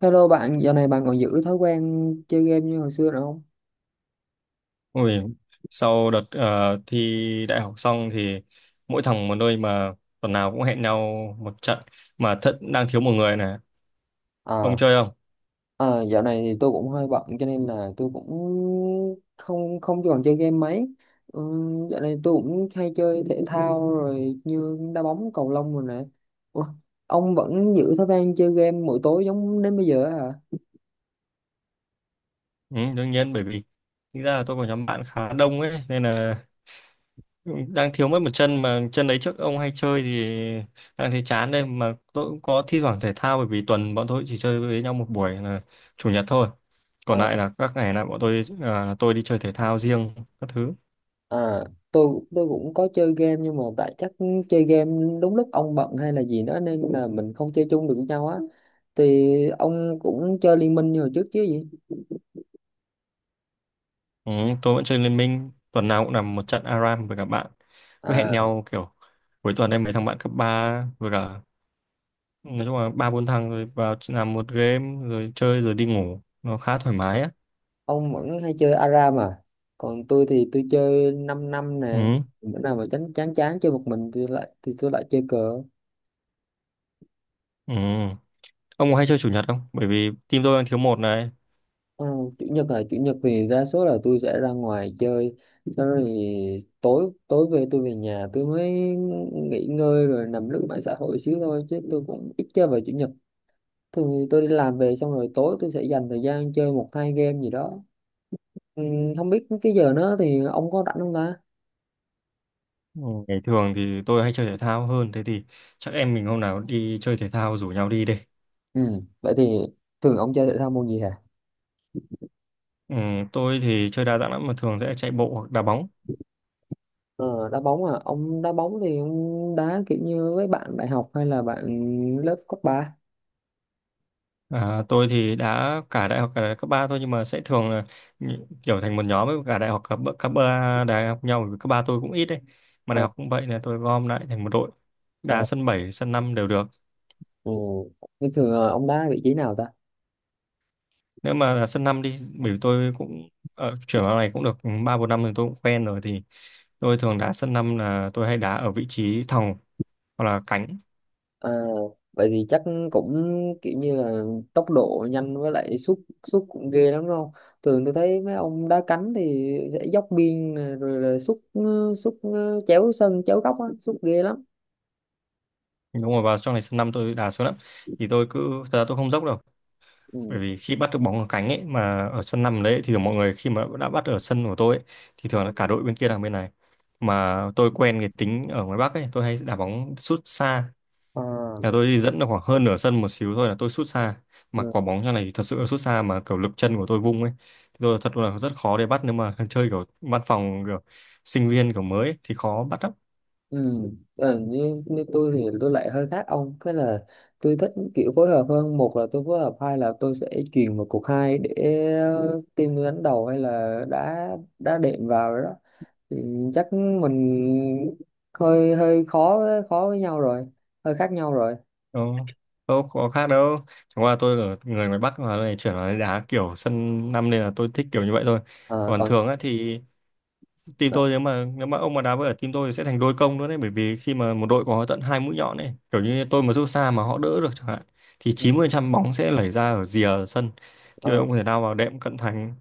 Hello bạn, dạo này bạn còn giữ thói quen chơi game như hồi xưa nữa không? Ui, sau đợt thi đại học xong thì mỗi thằng một nơi mà tuần nào cũng hẹn nhau một trận mà thật đang thiếu một người này. Ông À, chơi không? à, dạo này thì tôi cũng hơi bận cho nên là tôi cũng không không còn chơi game mấy. Ừ, dạo này tôi cũng hay chơi thể thao rồi như đá bóng, cầu lông rồi nè. Ủa, ông vẫn giữ thói quen chơi game mỗi tối giống đến bây giờ á hả? Ừ, đương nhiên bởi vì thực ra là tôi có nhóm bạn khá đông ấy nên là đang thiếu mất một chân mà chân đấy trước ông hay chơi thì đang thấy chán đây, mà tôi cũng có thi thoảng thể thao bởi vì tuần bọn tôi chỉ chơi với nhau một buổi là chủ nhật thôi. Còn À, lại là các ngày là bọn tôi tôi đi chơi thể thao riêng các thứ. à, tôi cũng có chơi game nhưng mà tại chắc chơi game đúng lúc ông bận hay là gì đó nên là mình không chơi chung được với nhau á. Thì ông cũng chơi liên minh như hồi trước chứ gì? Ừ, tôi vẫn chơi Liên Minh tuần nào cũng làm một trận ARAM với các bạn, cứ hẹn À, nhau kiểu cuối tuần em mấy thằng bạn cấp 3 với cả nói chung là ba bốn thằng rồi vào làm một game rồi chơi rồi đi ngủ, nó khá thoải mái á. ông vẫn hay chơi ARAM à? Còn tôi thì tôi chơi 5 năm năm nè. Ừ, Bữa nào mà chán chán chán chơi một mình thì lại thì tôi lại chơi cờ. ừ. Ông có hay chơi chủ nhật không, bởi vì team tôi đang thiếu một này. Ờ, chủ nhật là chủ nhật thì đa số là tôi sẽ ra ngoài chơi. Sau đó thì tối tối về tôi về nhà tôi mới nghỉ ngơi rồi nằm lướt mạng xã hội xíu thôi chứ tôi cũng ít chơi vào chủ nhật. Thường tôi đi làm về xong rồi tối tôi sẽ dành thời gian chơi một hai game gì đó. Ừ, không biết cái giờ nó thì ông có rảnh không ta? Ừ, ngày thường thì tôi hay chơi thể thao hơn, thế thì chắc em mình hôm nào đi chơi thể thao rủ nhau đi đi. Ừ, vậy thì thường ông chơi thể thao môn gì hả? Ừ, tôi thì chơi đa dạng lắm mà thường sẽ chạy bộ hoặc đá bóng. Ờ, đá bóng à, ông đá bóng thì ông đá kiểu như với bạn đại học hay là bạn lớp cấp ba? À, tôi thì đã cả đại học cấp 3 thôi nhưng mà sẽ thường là kiểu thành một nhóm với cả đại học cấp cấp 3 đại học nhau, bởi vì cấp 3 tôi cũng ít đấy mà đại À, học cũng vậy, là tôi gom lại thành một đội, đá à, sân 7 sân 5 đều được. ừ. Bình thường là ông đá vị trí nào ta? Nếu mà là sân 5 đi, bởi vì tôi cũng ở chuyển vào này cũng được 3 4 năm rồi, tôi cũng quen rồi thì tôi thường đá sân năm, là tôi hay đá ở vị trí thòng hoặc là cánh. À, vậy thì chắc cũng kiểu như là tốc độ nhanh với lại sút sút cũng ghê lắm đúng không? Thường tôi thấy mấy ông đá cánh thì sẽ dốc biên nè, rồi là sút sút chéo sân chéo góc á sút ghê lắm. Đúng rồi vào trong này sân 5 tôi đá xuống lắm, thì tôi cứ, thật ra tôi không dốc đâu. Bởi Ừ. vì khi bắt được bóng ở cánh ấy mà ở sân năm đấy, thì mọi người khi mà đã bắt ở sân của tôi ấy, thì thường là cả đội bên kia đang bên này, mà tôi quen cái tính ở ngoài Bắc ấy, tôi hay đá bóng sút xa, À, là tôi đi dẫn được khoảng hơn nửa sân một xíu thôi là tôi sút xa, mà quả ừ. bóng trong này thì thật sự là sút xa mà kiểu lực chân của tôi vung ấy thì tôi thật là rất khó để bắt nếu mà chơi kiểu văn phòng, kiểu sinh viên kiểu mới ấy, thì khó bắt lắm. Ừ. Ờ, như, như tôi thì tôi lại hơi khác ông cái là tôi thích kiểu phối hợp hơn, một là tôi phối hợp, hai là tôi sẽ chuyền vào cục hai để team tôi đánh đầu hay là đá đá đệm vào rồi đó. Thì chắc mình hơi hơi khó với nhau rồi, hơi khác nhau rồi. Đâu, đâu có khác đâu, chẳng qua tôi ở người ngoài Bắc mà này chuyển vào đây đá kiểu sân năm nên là tôi thích kiểu như vậy thôi. Ờ, Còn còn thường á thì team ờ, tôi, nếu mà ông mà đá với ở team tôi thì sẽ thành đôi công nữa đấy, bởi vì khi mà một đội có tận hai mũi nhọn ấy kiểu như tôi mà rút xa mà họ đỡ được chẳng hạn thì 90% bóng sẽ lẩy ra ở rìa sân, thì ờ, ông có thể nào vào đệm cận thành,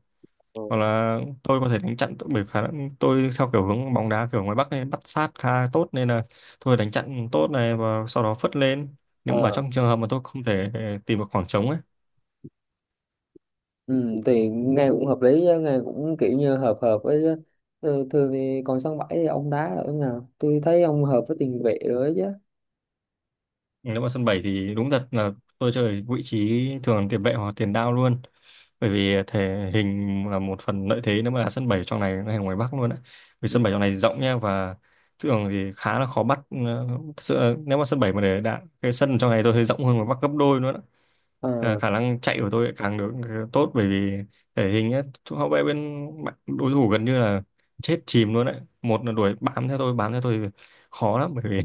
hoặc là tôi có thể đánh chặn tốt, bởi khả năng tôi theo kiểu hướng bóng đá kiểu ngoài Bắc này bắt sát khá tốt nên là tôi đánh chặn tốt này và sau đó phất lên nếu mà ờ, trong trường hợp mà tôi không thể tìm được khoảng trống ấy. ừ, thì nghe cũng hợp lý chứ, nghe cũng kiểu như hợp hợp với chứ. Ừ, thường thì còn sân bãi thì ông đá ở nào? Tôi thấy ông hợp với tiền vệ rồi ấy chứ. Nếu mà sân 7 thì đúng thật là tôi chơi ở vị trí thường là tiền vệ hoặc tiền đạo luôn, bởi vì thể hình là một phần lợi thế nếu mà là sân 7 trong này hay là ngoài Bắc luôn á, vì Ừ. sân 7 trong này rộng nha, và thường thì khá là khó bắt. Ờ, thực sự là nếu mà sân 7 mà để đạn cái sân trong này tôi thấy rộng hơn ngoài Bắc gấp đôi nữa. Ờ, Ờ, khả năng chạy của tôi lại càng được tốt, bởi vì thể hình ấy, hậu vệ bên đối thủ gần như là chết chìm luôn đấy, một là đuổi bám theo tôi, bám theo tôi khó lắm, bởi vì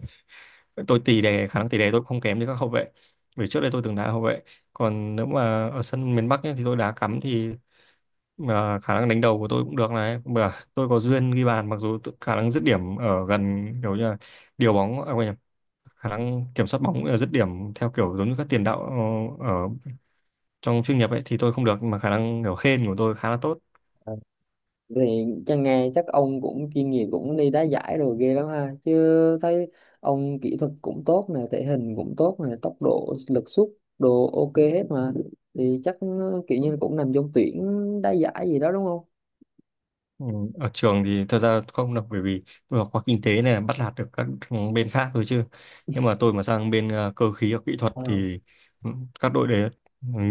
tôi tì đè, khả năng tì đè tôi không kém như các hậu vệ, bởi trước đây tôi từng đá hậu vệ. Còn nếu mà ở sân miền Bắc ấy, thì tôi đá cắm thì khả năng đánh đầu của tôi cũng được này, mà tôi có duyên ghi bàn, mặc dù khả năng dứt điểm ở gần kiểu như là điều bóng, à quên nhầm, khả năng kiểm soát bóng cũng dứt điểm theo kiểu giống như các tiền đạo ở trong chuyên nghiệp ấy thì tôi không được, nhưng mà khả năng kiểu hên của tôi khá là tốt. ờ, thì chắc nghe chắc ông cũng chuyên nghiệp cũng đi đá giải rồi ghê lắm ha chứ, thấy ông kỹ thuật cũng tốt nè, thể hình cũng tốt nè, tốc độ, lực sút đồ ok hết mà. Thì chắc kiểu như cũng nằm trong tuyển đá giải gì đó đúng không? Ừ, ở trường thì thật ra không được bởi vì tôi học khoa kinh tế này, bắt nạt được các bên khác thôi chứ, nhưng mà tôi mà sang bên cơ khí hoặc kỹ thuật Ờ. thì ừ, các đội đấy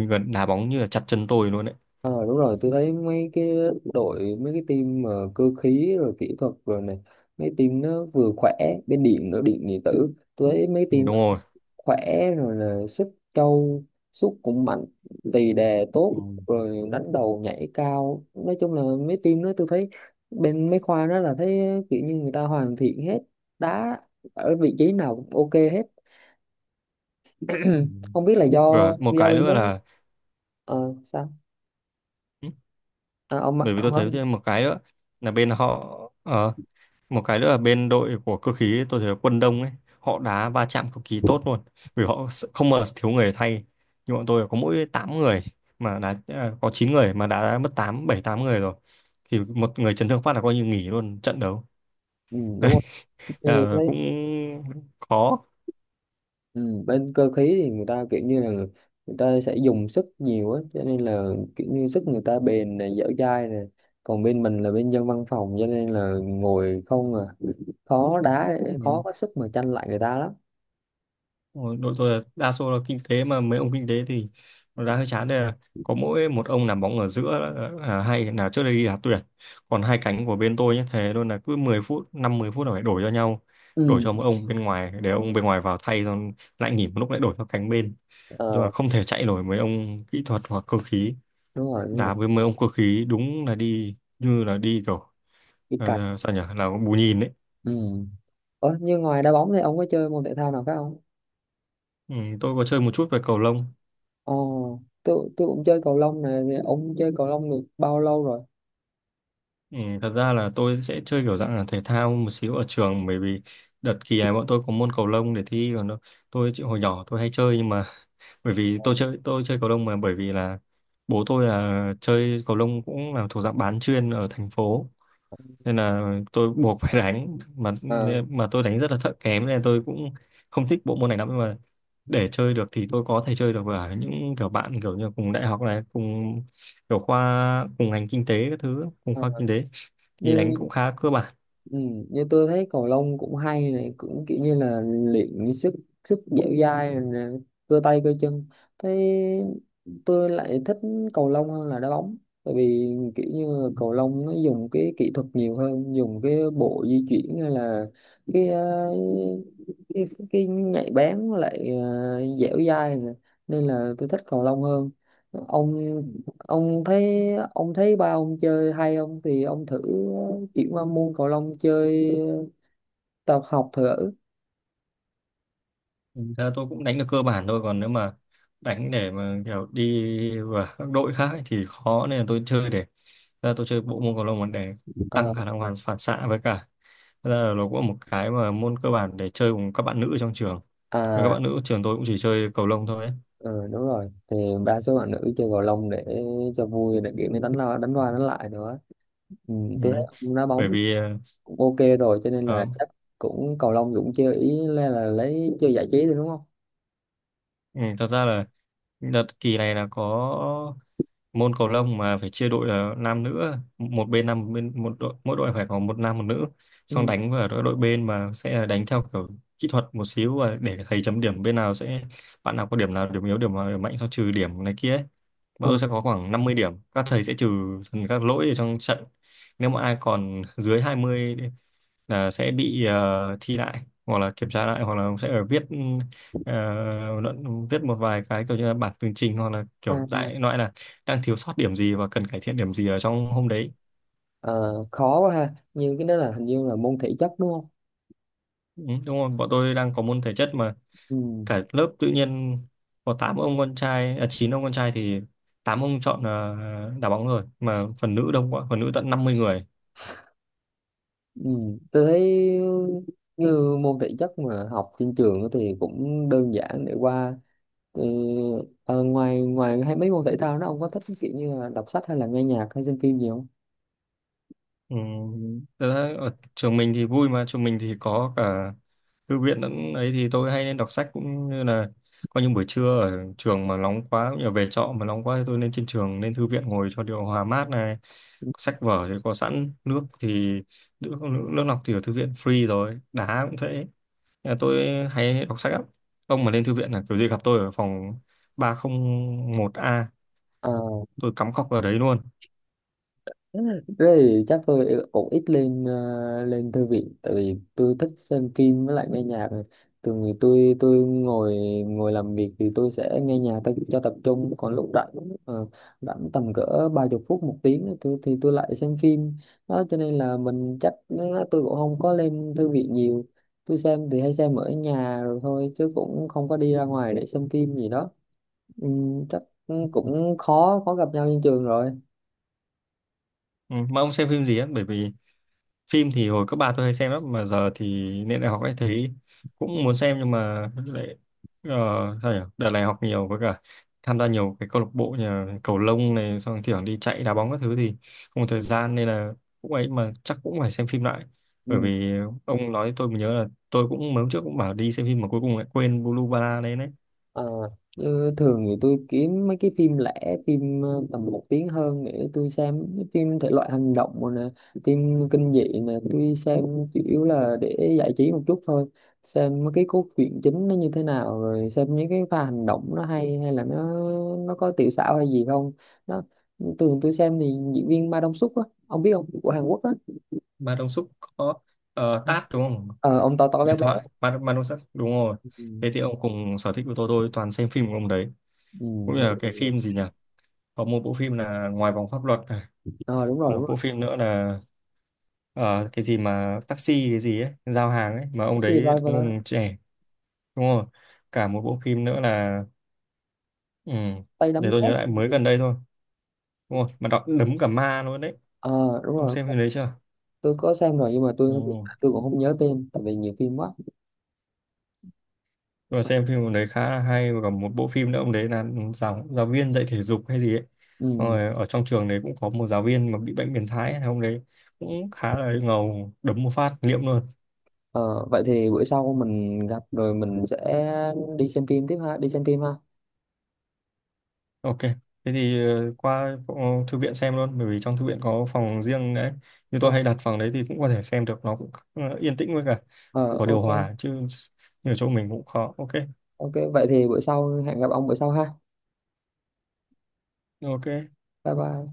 gần đá bóng như là chặt chân tôi luôn đấy. Ờ, đúng rồi, tôi thấy mấy cái đội, mấy cái team mà cơ khí rồi kỹ thuật rồi này, mấy team nó vừa khỏe, bên điện nữa, điện điện tử, tôi thấy mấy Ừ, team đúng nó rồi. khỏe, rồi là sức trâu, sút cũng mạnh, tì đè tốt, Ừ. rồi đánh đầu nhảy cao, nói chung là mấy team đó tôi thấy bên mấy khoa đó là thấy kiểu như người ta hoàn thiện hết, đá ở vị trí nào cũng ok hết. Ừ. Không biết là do Rồi, một cái bên đó nữa là ờ sao. ừ, À, bởi vì tôi ông nói. thấy thêm một cái nữa là bên họ ờ, một cái nữa là bên đội của cơ khí tôi thấy quân Đông ấy, họ đá va chạm cực kỳ tốt luôn, vì họ không mà thiếu người thay, nhưng bọn tôi có mỗi 8 người mà đá có 9 người mà đã mất 8 7 8 người rồi, thì một người chấn thương phát là coi như nghỉ luôn trận đấu. Ừ, Đấy, đúng rồi. Ừ, à, thấy. cũng khó. Ừ, bên cơ khí thì người ta kiểu như là người ta sẽ dùng sức nhiều á cho nên là kiểu như sức người ta bền này, dẻo dai này, còn bên mình là bên dân văn phòng cho nên là ngồi không à, khó đá, khó có sức mà tranh lại người ta lắm. Ôi, đội tôi là đa số là kinh tế, mà mấy ông kinh tế thì nó đã hơi chán đây, là có mỗi một ông làm bóng ở giữa là hay là trước đây đi đá tuyển, còn hai cánh của bên tôi nhé thế luôn là cứ mười phút năm mười phút là phải đổi cho nhau, Ừ. đổi cho mỗi ông bên ngoài để ông bên ngoài vào thay rồi lại nghỉ một lúc lại đổi cho cánh bên, nhưng mà Ờ, không thể chạy nổi mấy ông kỹ thuật hoặc cơ khí. đúng rồi đúng rồi. Đá với mấy ông cơ khí đúng là đi như là đi kiểu Cái cạch. Sao nhỉ là bù nhìn đấy. Ừ. Ủa, như ngoài đá bóng thì ông có chơi môn thể thao nào khác không? Ừ, tôi có chơi một chút về cầu lông. Ồ, tôi cũng chơi cầu lông này, ông chơi cầu lông được bao lâu rồi? Ừ, thật ra là tôi sẽ chơi kiểu dạng là thể thao một xíu ở trường, bởi vì đợt kỳ này bọn tôi có môn cầu lông để thi còn nó tôi hồi nhỏ tôi hay chơi nhưng mà bởi vì tôi chơi, tôi chơi cầu lông, mà bởi vì là bố tôi là chơi cầu lông cũng là thuộc dạng bán chuyên ở thành phố nên là tôi buộc phải đánh mà À, mà tôi đánh rất là thợ kém nên là tôi cũng không thích bộ môn này lắm, nhưng mà để chơi được thì tôi có thể chơi được với những kiểu bạn kiểu như cùng đại học này, cùng kiểu khoa cùng ngành kinh tế các thứ, cùng à. khoa kinh tế thì đánh Như. cũng khá cơ bản. Ừ, như tôi thấy cầu lông cũng hay này, cũng kiểu như là luyện sức, sức dẻo dai rồi cơ tay cơ chân. Thế tôi lại thích cầu lông hơn là đá bóng, tại vì kiểu như là cầu lông nó dùng cái kỹ thuật nhiều hơn, dùng cái bộ di chuyển hay là cái cái, cái nhạy bén với lại dẻo dai nè. Nên là tôi thích cầu lông hơn. Ông ông thấy, ông thấy ba ông chơi hay không thì ông thử chuyển qua môn cầu lông chơi, tập học thử. Ừ, thế là tôi cũng đánh được cơ bản thôi, còn nếu mà đánh để mà kiểu đi vào các đội khác ấy thì khó, nên là tôi chơi để, thế là tôi chơi bộ môn cầu lông là để Ờ, tăng khả năng hoàn phản xạ, với cả thế là nó cũng là một cái mà môn cơ bản để chơi cùng các bạn nữ trong trường. Và các à, bạn nữ trường tôi cũng chỉ chơi cầu lông thôi ấy. ừ, đúng rồi, thì đa số bạn nữ chơi cầu lông để cho vui, để kiểu như đánh lao đánh qua đánh lại nữa. Ừ, Ừ, tôi thấy ông đá bởi bóng vì cũng ok rồi cho nên là ờ, chắc cũng cầu lông cũng chơi, ý là lấy chơi giải trí thôi đúng không? ừ, thật ra là đợt kỳ này là có môn cầu lông mà phải chia đội là nam nữ, một bên nam một bên, một đội mỗi đội phải có một nam một nữ, xong Ừ. đánh vào đội đội bên mà sẽ là đánh theo kiểu kỹ thuật một xíu và để thầy chấm điểm bên nào sẽ, bạn nào có điểm nào điểm yếu điểm nào điểm mạnh xong trừ điểm này kia ấy. Bọn tôi Ờ, sẽ có khoảng 50 điểm, các thầy sẽ trừ dần các lỗi ở trong trận, nếu mà ai còn dưới 20 là sẽ bị thi lại hoặc là kiểm tra lại hoặc là sẽ ở viết ờ, luận, viết một vài cái kiểu như là bản tường trình hoặc là à, kiểu đại loại là đang thiếu sót điểm gì và cần cải thiện điểm gì ở trong hôm đấy. ờ, khó quá ha, như cái đó là hình như là môn thể chất đúng không? Ừ, đúng rồi bọn tôi đang có môn thể chất mà Ừ. cả lớp tự nhiên có 8 ông con trai 9 ông con trai thì 8 ông chọn đá bóng rồi, mà phần nữ đông quá, phần nữ tận 50 người. Ừ. Tôi thấy như môn thể chất mà học trên trường thì cũng đơn giản để qua. Ừ, ờ, ngoài ngoài hay mấy môn thể thao đó, ông có thích cái kiểu như là đọc sách hay là nghe nhạc hay xem phim gì không? Ừ. Thật ra ở trường mình thì vui mà, trường mình thì có cả thư viện lẫn ấy thì tôi hay nên đọc sách, cũng như là có những buổi trưa ở trường mà nóng quá cũng như là về trọ mà nóng quá thì tôi lên trên trường lên thư viện ngồi cho điều hòa mát này, sách vở thì có sẵn, nước thì nước, nước lọc thì ở thư viện free rồi, đá cũng thế. Nên là tôi hay đọc sách lắm, ông mà lên thư viện là kiểu gì gặp tôi ở phòng 301A, Ờ. tôi cắm cọc vào đấy luôn. Thế thì chắc tôi cũng ít lên lên thư viện tại vì tôi thích xem phim với lại nghe nhạc. Thường thì tôi ngồi, ngồi làm việc thì tôi sẽ nghe nhạc tôi cho tập trung, còn lúc rảnh, ờ, rảnh tầm cỡ 30 phút một tiếng tôi, thì tôi lại xem phim đó, cho nên là mình chắc nó- tôi cũng không có lên thư viện nhiều. Tôi xem thì hay xem ở nhà rồi thôi chứ cũng không có đi ra ngoài để xem phim gì đó. Ừ, chắc cũng khó khó gặp nhau trên trường rồi. Ừ, mà ông xem phim gì á, bởi vì phim thì hồi cấp ba tôi hay xem lắm mà giờ thì lên đại học ấy thấy cũng muốn xem nhưng mà lại ờ, sao nhỉ đợt này học nhiều với cả tham gia nhiều cái câu lạc bộ như là cầu lông này xong kiểu đi chạy đá bóng các thứ thì không có thời gian nên là cũng ấy, mà chắc cũng phải xem phim lại, bởi Ừ. vì ông nói tôi mới nhớ là tôi cũng mấy hôm trước cũng bảo đi xem phim mà cuối cùng lại quên Blue Banana đấy đấy. Ờ, như thường thì tôi kiếm mấy cái phim lẻ, phim tầm một tiếng hơn để tôi xem. Cái phim thể loại hành động rồi nè, phim kinh dị nè, tôi xem chủ yếu là để giải trí một chút thôi, xem mấy cái cốt truyện chính nó như thế nào, rồi xem những cái pha hành động nó hay, hay là nó có tiểu xảo hay gì không. Đó, thường tôi xem thì diễn viên Ma Dong Suk á, ông biết không, của Hàn Quốc á. Ma Đông Súc, có Tát đúng không, Ờ, ông to to béo huyền béo. thoại Ma Đông Súc đúng rồi. Ừ. Thế thì ông cùng sở thích của tôi toàn xem phim của ông đấy, Ừ, cũng như vậy là thì. cái phim gì nhỉ, có một bộ phim là Ngoài Vòng Pháp Luật này, Ờ đúng rồi đúng một rồi. bộ phim nữa là cái gì mà taxi cái gì ấy giao hàng ấy mà ông Taxi đấy đóng Driver á. ông trẻ, đúng rồi, cả một bộ phim nữa là ừ, Tay để đấm tôi nhớ thép. lại mới gần đây thôi, đúng rồi mà đọc đấm cả ma luôn đấy. Ờ đúng Ông rồi. xem phim đấy chưa? Tôi có xem rồi nhưng mà tôi Ừ. Cũng không nhớ tên tại vì nhiều phim quá. Tôi xem phim ông đấy khá là hay, và còn một bộ phim nữa ông đấy là giáo giáo viên dạy thể dục hay gì ấy, xong Ừ. rồi ở trong trường đấy cũng có một giáo viên mà bị bệnh biến thái ấy, ông đấy cũng khá là ngầu, đấm một phát liệm luôn. Ờ, vậy thì bữa sau mình gặp rồi mình sẽ đi xem phim tiếp ha, đi xem phim ha. Ok, thế thì qua phòng thư viện xem luôn, bởi vì trong thư viện có phòng riêng đấy. Như Ờ, tôi hay đặt phòng đấy thì cũng có thể xem được, nó cũng yên tĩnh với cả ờ, có điều ok. hòa chứ như ở chỗ mình cũng khó. Ok, Ok vậy thì bữa sau hẹn gặp ông bữa sau ha. ok. Bye bye.